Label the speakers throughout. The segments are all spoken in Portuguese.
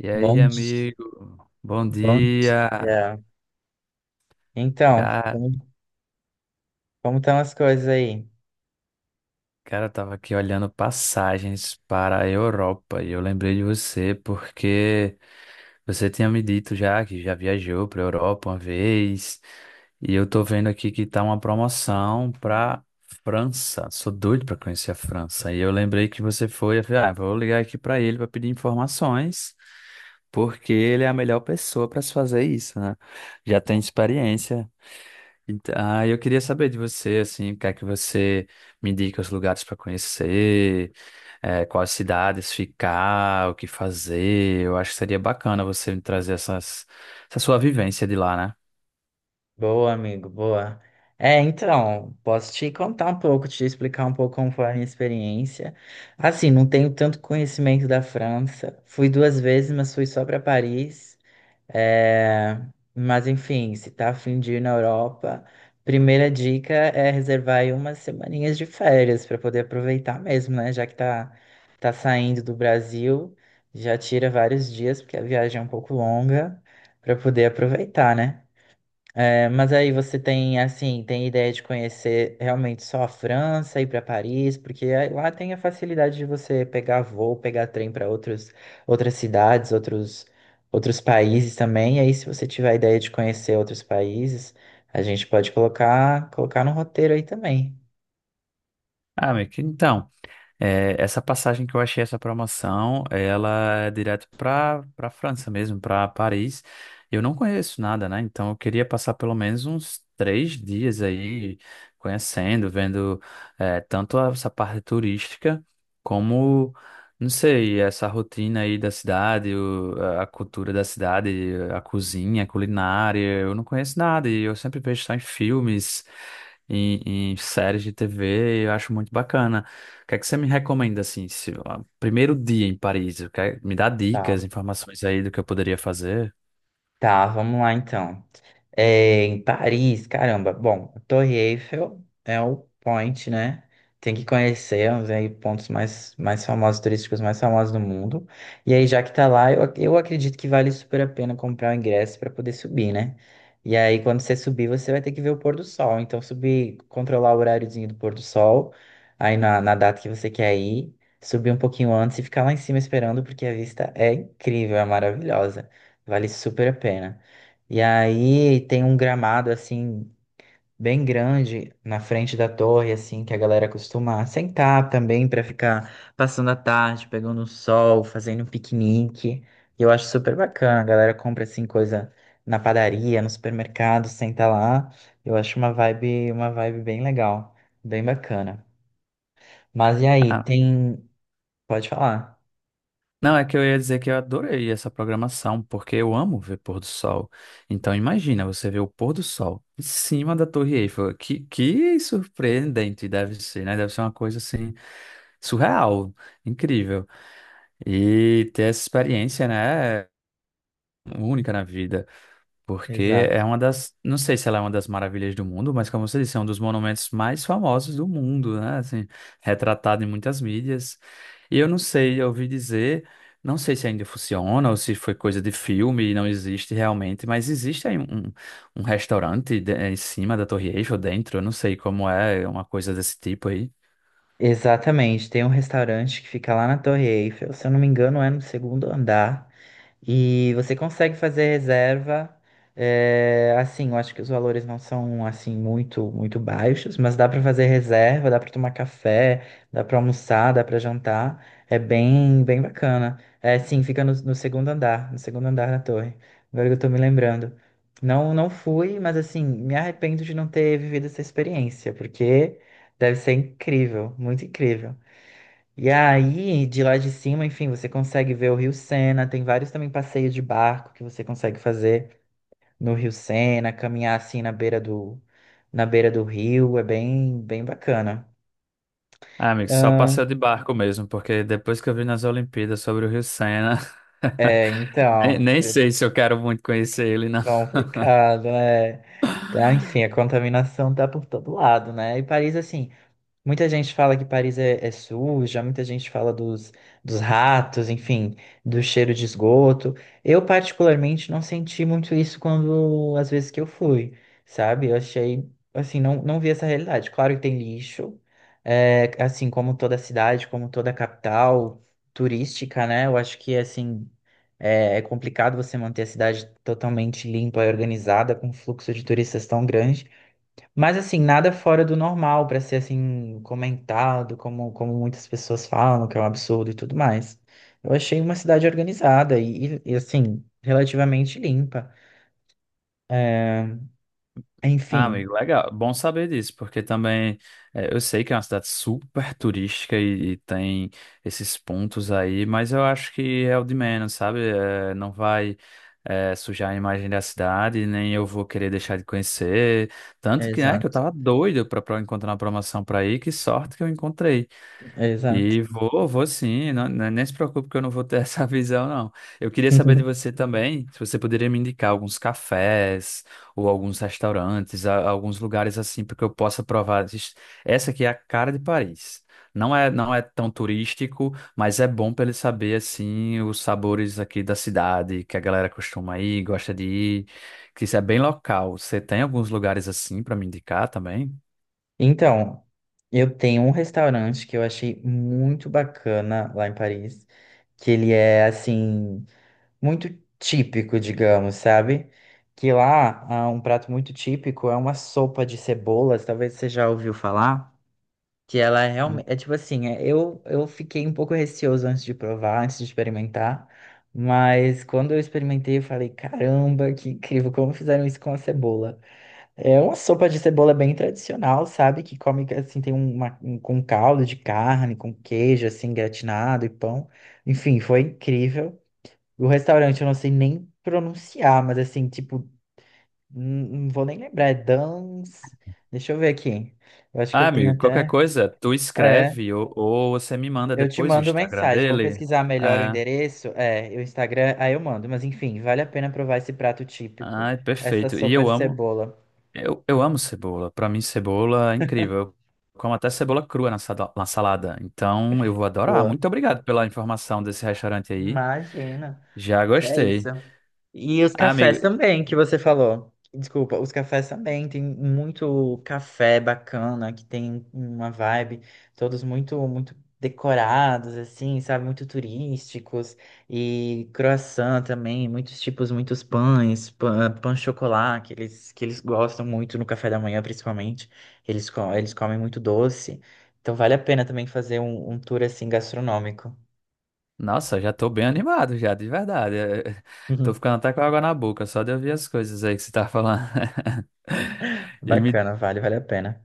Speaker 1: E aí,
Speaker 2: Bom dia,
Speaker 1: amigo? Bom
Speaker 2: bom
Speaker 1: dia!
Speaker 2: dia. Então,
Speaker 1: Cara,
Speaker 2: como estão as coisas aí?
Speaker 1: cara, eu tava aqui olhando passagens para a Europa e eu lembrei de você porque você tinha me dito já que já viajou para a Europa uma vez e eu tô vendo aqui que tá uma promoção para França. Sou doido para conhecer a França e eu lembrei que você foi. Eu falei, ah, vou ligar aqui para ele para pedir informações porque ele é a melhor pessoa para se fazer isso, né? Já tem experiência. Então, ah, eu queria saber de você, assim, o que é que você me indica os lugares para conhecer, eh, quais cidades ficar, o que fazer. Eu acho que seria bacana você me trazer essa sua vivência de lá, né?
Speaker 2: Boa, amigo, boa. É, então, posso te contar um pouco, te explicar um pouco como foi a minha experiência. Assim, não tenho tanto conhecimento da França. Fui duas vezes, mas fui só para Paris. É, mas enfim, se tá a fim de ir na Europa, primeira dica é reservar aí umas semaninhas de férias para poder aproveitar mesmo, né? Já que tá saindo do Brasil, já tira vários dias, porque a viagem é um pouco longa, para poder aproveitar, né? É, mas aí você tem, assim, tem ideia de conhecer realmente só a França, ir para Paris, porque aí lá tem a facilidade de você pegar voo, pegar trem para outras cidades, outros países também. E aí, se você tiver a ideia de conhecer outros países, a gente pode colocar no roteiro aí também.
Speaker 1: Ah, meio que então. É, essa passagem que eu achei, essa promoção, ela é direto para França mesmo, para Paris. Eu não conheço nada, né? Então eu queria passar pelo menos uns três dias aí conhecendo, vendo é, tanto essa parte turística como, não sei, essa rotina aí da cidade, a cultura da cidade, a cozinha, a culinária. Eu não conheço nada e eu sempre vejo só em filmes, em séries de TV. Eu acho muito bacana. O que é que você me recomenda, assim, se, ó, primeiro dia em Paris? Me dá dicas,
Speaker 2: Tá,
Speaker 1: informações aí do que eu poderia fazer?
Speaker 2: tá, vamos lá então. É, em Paris, caramba. Bom, a Torre Eiffel é o point, né? Tem que conhecer os aí pontos mais famosos, turísticos mais famosos do mundo. E aí, já que tá lá, eu acredito que vale super a pena comprar o ingresso para poder subir, né? E aí, quando você subir, você vai ter que ver o pôr do sol. Então, subir, controlar o horáriozinho do pôr do sol, aí na data que você quer ir, subir um pouquinho antes e ficar lá em cima esperando, porque a vista é incrível, é maravilhosa. Vale super a pena. E aí tem um gramado assim bem grande na frente da torre, assim, que a galera costuma sentar também para ficar passando a tarde, pegando o sol, fazendo um piquenique. E eu acho super bacana. A galera compra assim coisa na padaria, no supermercado, senta lá. Eu acho uma vibe bem legal, bem bacana. Mas e aí,
Speaker 1: Ah,
Speaker 2: pode falar.
Speaker 1: não, é que eu ia dizer que eu adorei essa programação, porque eu amo ver pôr do sol. Então, imagina você ver o pôr do sol em cima da Torre Eiffel. Que surpreendente deve ser, né? Deve ser uma coisa, assim, surreal, incrível. E ter essa experiência, né? Única na vida. Porque é
Speaker 2: Exato.
Speaker 1: uma das, não sei se ela é uma das maravilhas do mundo, mas como você disse, é um dos monumentos mais famosos do mundo, né? Assim, retratado em muitas mídias. E eu não sei, eu ouvi dizer, não sei se ainda funciona ou se foi coisa de filme e não existe realmente, mas existe aí um restaurante em cima da Torre Eiffel, dentro, eu não sei como é, uma coisa desse tipo aí.
Speaker 2: Exatamente, tem um restaurante que fica lá na Torre Eiffel, se eu não me engano, é no segundo andar. E você consegue fazer reserva. É, assim, eu acho que os valores não são assim muito muito baixos, mas dá para fazer reserva, dá para tomar café, dá para almoçar, dá para jantar. É bem bem bacana. É, sim, fica no segundo andar da torre. Agora que eu tô me lembrando. Não fui, mas assim, me arrependo de não ter vivido essa experiência, porque deve ser incrível, muito incrível. E aí, de lá de cima, enfim, você consegue ver o Rio Sena. Tem vários também passeios de barco que você consegue fazer no Rio Sena, caminhar assim na beira do rio. É bem, bem bacana.
Speaker 1: Ah, amigo, só
Speaker 2: Ah,
Speaker 1: passeio de barco mesmo, porque depois que eu vi nas Olimpíadas sobre o Rio Sena,
Speaker 2: é,
Speaker 1: nem,
Speaker 2: então,
Speaker 1: nem
Speaker 2: que
Speaker 1: sei se eu quero muito conhecer ele, não.
Speaker 2: complicado, né? Ah, enfim, a contaminação tá por todo lado, né? E Paris, assim, muita gente fala que Paris é suja, muita gente fala dos ratos, enfim, do cheiro de esgoto. Eu, particularmente, não senti muito isso quando, às vezes que eu fui, sabe? Eu achei, assim, não vi essa realidade. Claro que tem lixo, é, assim, como toda cidade, como toda capital turística, né? Eu acho que, assim, é complicado você manter a cidade totalmente limpa e organizada, com um fluxo de turistas tão grande. Mas assim, nada fora do normal para ser assim comentado, como muitas pessoas falam, que é um absurdo e tudo mais. Eu achei uma cidade organizada e, assim, relativamente limpa. É,
Speaker 1: Ah,
Speaker 2: enfim,
Speaker 1: amigo, legal. Bom saber disso, porque também eh, eu sei que é uma cidade super turística e tem esses pontos aí, mas eu acho que é o de menos, sabe? Eh, não vai eh, sujar a imagem da cidade, nem eu vou querer deixar de conhecer. Tanto que, né, que eu
Speaker 2: exato,
Speaker 1: tava doido pra, pra encontrar uma promoção pra ir, que sorte que eu encontrei.
Speaker 2: exato.
Speaker 1: E vou, vou sim, não, nem se preocupe que eu não vou ter essa visão, não. Eu queria saber de você também, se você poderia me indicar alguns cafés ou alguns restaurantes, alguns lugares assim, para que eu possa provar. Essa aqui é a cara de Paris. Não é, não é tão turístico, mas é bom para ele saber assim os sabores aqui da cidade, que a galera costuma ir, gosta de ir, que isso é bem local. Você tem alguns lugares assim para me indicar também?
Speaker 2: Então, eu tenho um restaurante que eu achei muito bacana lá em Paris, que ele é assim, muito típico, digamos, sabe? Que lá, ah, um prato muito típico é uma sopa de cebolas, talvez você já ouviu falar, que ela é realmente, é tipo assim, eu fiquei um pouco receoso antes de provar, antes de experimentar, mas quando eu experimentei, eu falei, caramba, que incrível, como fizeram isso com a cebola? É uma sopa de cebola bem tradicional, sabe? Que come, assim, tem com caldo de carne, com queijo, assim, gratinado e pão. Enfim, foi incrível. O restaurante eu não sei nem pronunciar, mas assim, tipo, não vou nem lembrar. É Dans. Deixa eu ver aqui. Eu acho que
Speaker 1: Ah,
Speaker 2: eu tenho
Speaker 1: amigo, qualquer
Speaker 2: até.
Speaker 1: coisa, tu
Speaker 2: É,
Speaker 1: escreve ou você me manda
Speaker 2: eu te
Speaker 1: depois o
Speaker 2: mando
Speaker 1: Instagram
Speaker 2: mensagem. Vou
Speaker 1: dele.
Speaker 2: pesquisar melhor o
Speaker 1: Ah,
Speaker 2: endereço. É, o Instagram, aí eu mando. Mas enfim, vale a pena provar esse prato típico,
Speaker 1: ai,
Speaker 2: essa
Speaker 1: perfeito. E
Speaker 2: sopa
Speaker 1: eu
Speaker 2: de
Speaker 1: amo,
Speaker 2: cebola.
Speaker 1: eu amo cebola. Pra mim, cebola é incrível. Eu como até cebola crua na salada. Então, eu vou adorar.
Speaker 2: Boa.
Speaker 1: Muito obrigado pela informação desse restaurante aí.
Speaker 2: Imagina.
Speaker 1: Já
Speaker 2: Que é isso.
Speaker 1: gostei.
Speaker 2: E os
Speaker 1: Ah, amigo,
Speaker 2: cafés também, que você falou. Desculpa, os cafés também. Tem muito café bacana, que tem uma vibe, todos muito, muito decorados, assim, sabe? Muito turísticos. E croissant também, muitos tipos, muitos pães, pão, de chocolate, que eles gostam muito no café da manhã, principalmente. Eles comem muito doce. Então vale a pena também fazer um tour assim gastronômico.
Speaker 1: nossa, já tô bem animado já, de verdade. Eh, tô ficando até com água na boca, só de ouvir as coisas aí que você tá falando. E me
Speaker 2: Bacana, vale a pena.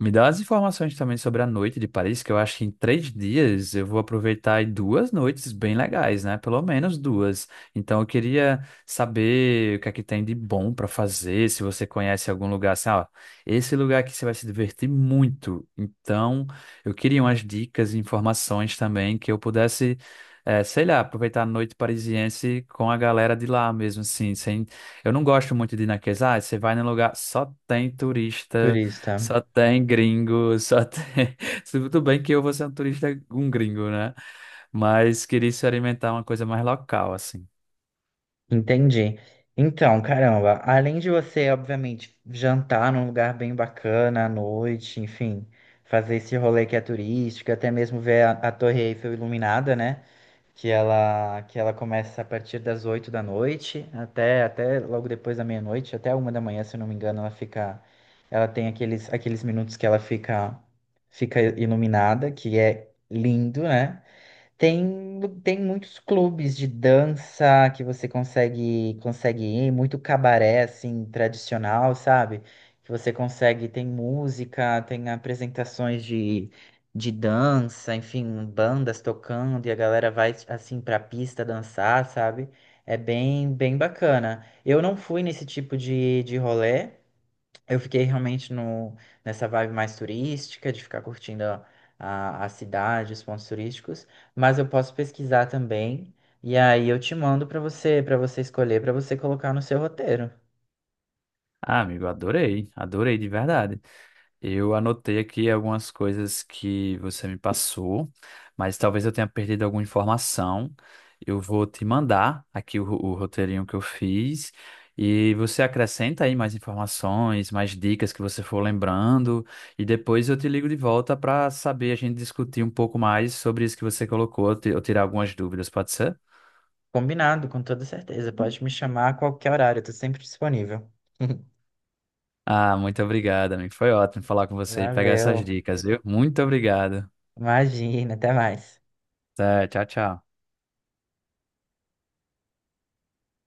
Speaker 1: Me dá as informações também sobre a noite de Paris, que eu acho que em três dias eu vou aproveitar aí duas noites bem legais, né? Pelo menos duas. Então eu queria saber o que é que tem de bom para fazer, se você conhece algum lugar assim, ó, esse lugar aqui você vai se divertir muito. Então eu queria umas dicas e informações também que eu pudesse, eh, sei lá, aproveitar a noite parisiense com a galera de lá mesmo, assim, sem... Eu não gosto muito de ir naqueles, ah, você vai num lugar, só tem turista
Speaker 2: Turista.
Speaker 1: só tem gringo, só tem. Tudo bem que eu vou ser um turista, um gringo, né? Mas queria experimentar uma coisa mais local, assim.
Speaker 2: Entendi. Então, caramba, além de você, obviamente, jantar num lugar bem bacana à noite, enfim, fazer esse rolê que é turístico, até mesmo ver a Torre Eiffel iluminada, né? Que ela começa a partir das 8 da noite até logo depois da meia-noite, até 1 da manhã, se eu não me engano, ela tem aqueles minutos que ela fica iluminada, que é lindo, né? Tem muitos clubes de dança que você consegue ir, muito cabaré assim tradicional, sabe? Que você consegue, tem música, tem apresentações de dança, enfim, bandas tocando e a galera vai assim pra pista dançar, sabe? É bem bem bacana. Eu não fui nesse tipo de rolê, eu fiquei realmente no, nessa vibe mais turística, de ficar curtindo a cidade, os pontos turísticos, mas eu posso pesquisar também, e aí eu te mando para você escolher, para você colocar no seu roteiro.
Speaker 1: Ah, amigo, adorei, adorei de verdade. Eu anotei aqui algumas coisas que você me passou, mas talvez eu tenha perdido alguma informação. Eu vou te mandar aqui o, o roteirinho que eu fiz e você acrescenta aí mais informações, mais dicas que você for lembrando e depois eu te ligo de volta para saber a gente discutir um pouco mais sobre isso que você colocou, eu tirar algumas dúvidas, pode ser?
Speaker 2: Combinado, com toda certeza. Pode me chamar a qualquer horário, eu tô sempre disponível.
Speaker 1: Ah, muito obrigado, amigo. Foi ótimo falar com você e pegar essas
Speaker 2: Valeu.
Speaker 1: dicas, viu? Muito obrigado.
Speaker 2: Imagina, até mais.
Speaker 1: Tá, tchau, tchau.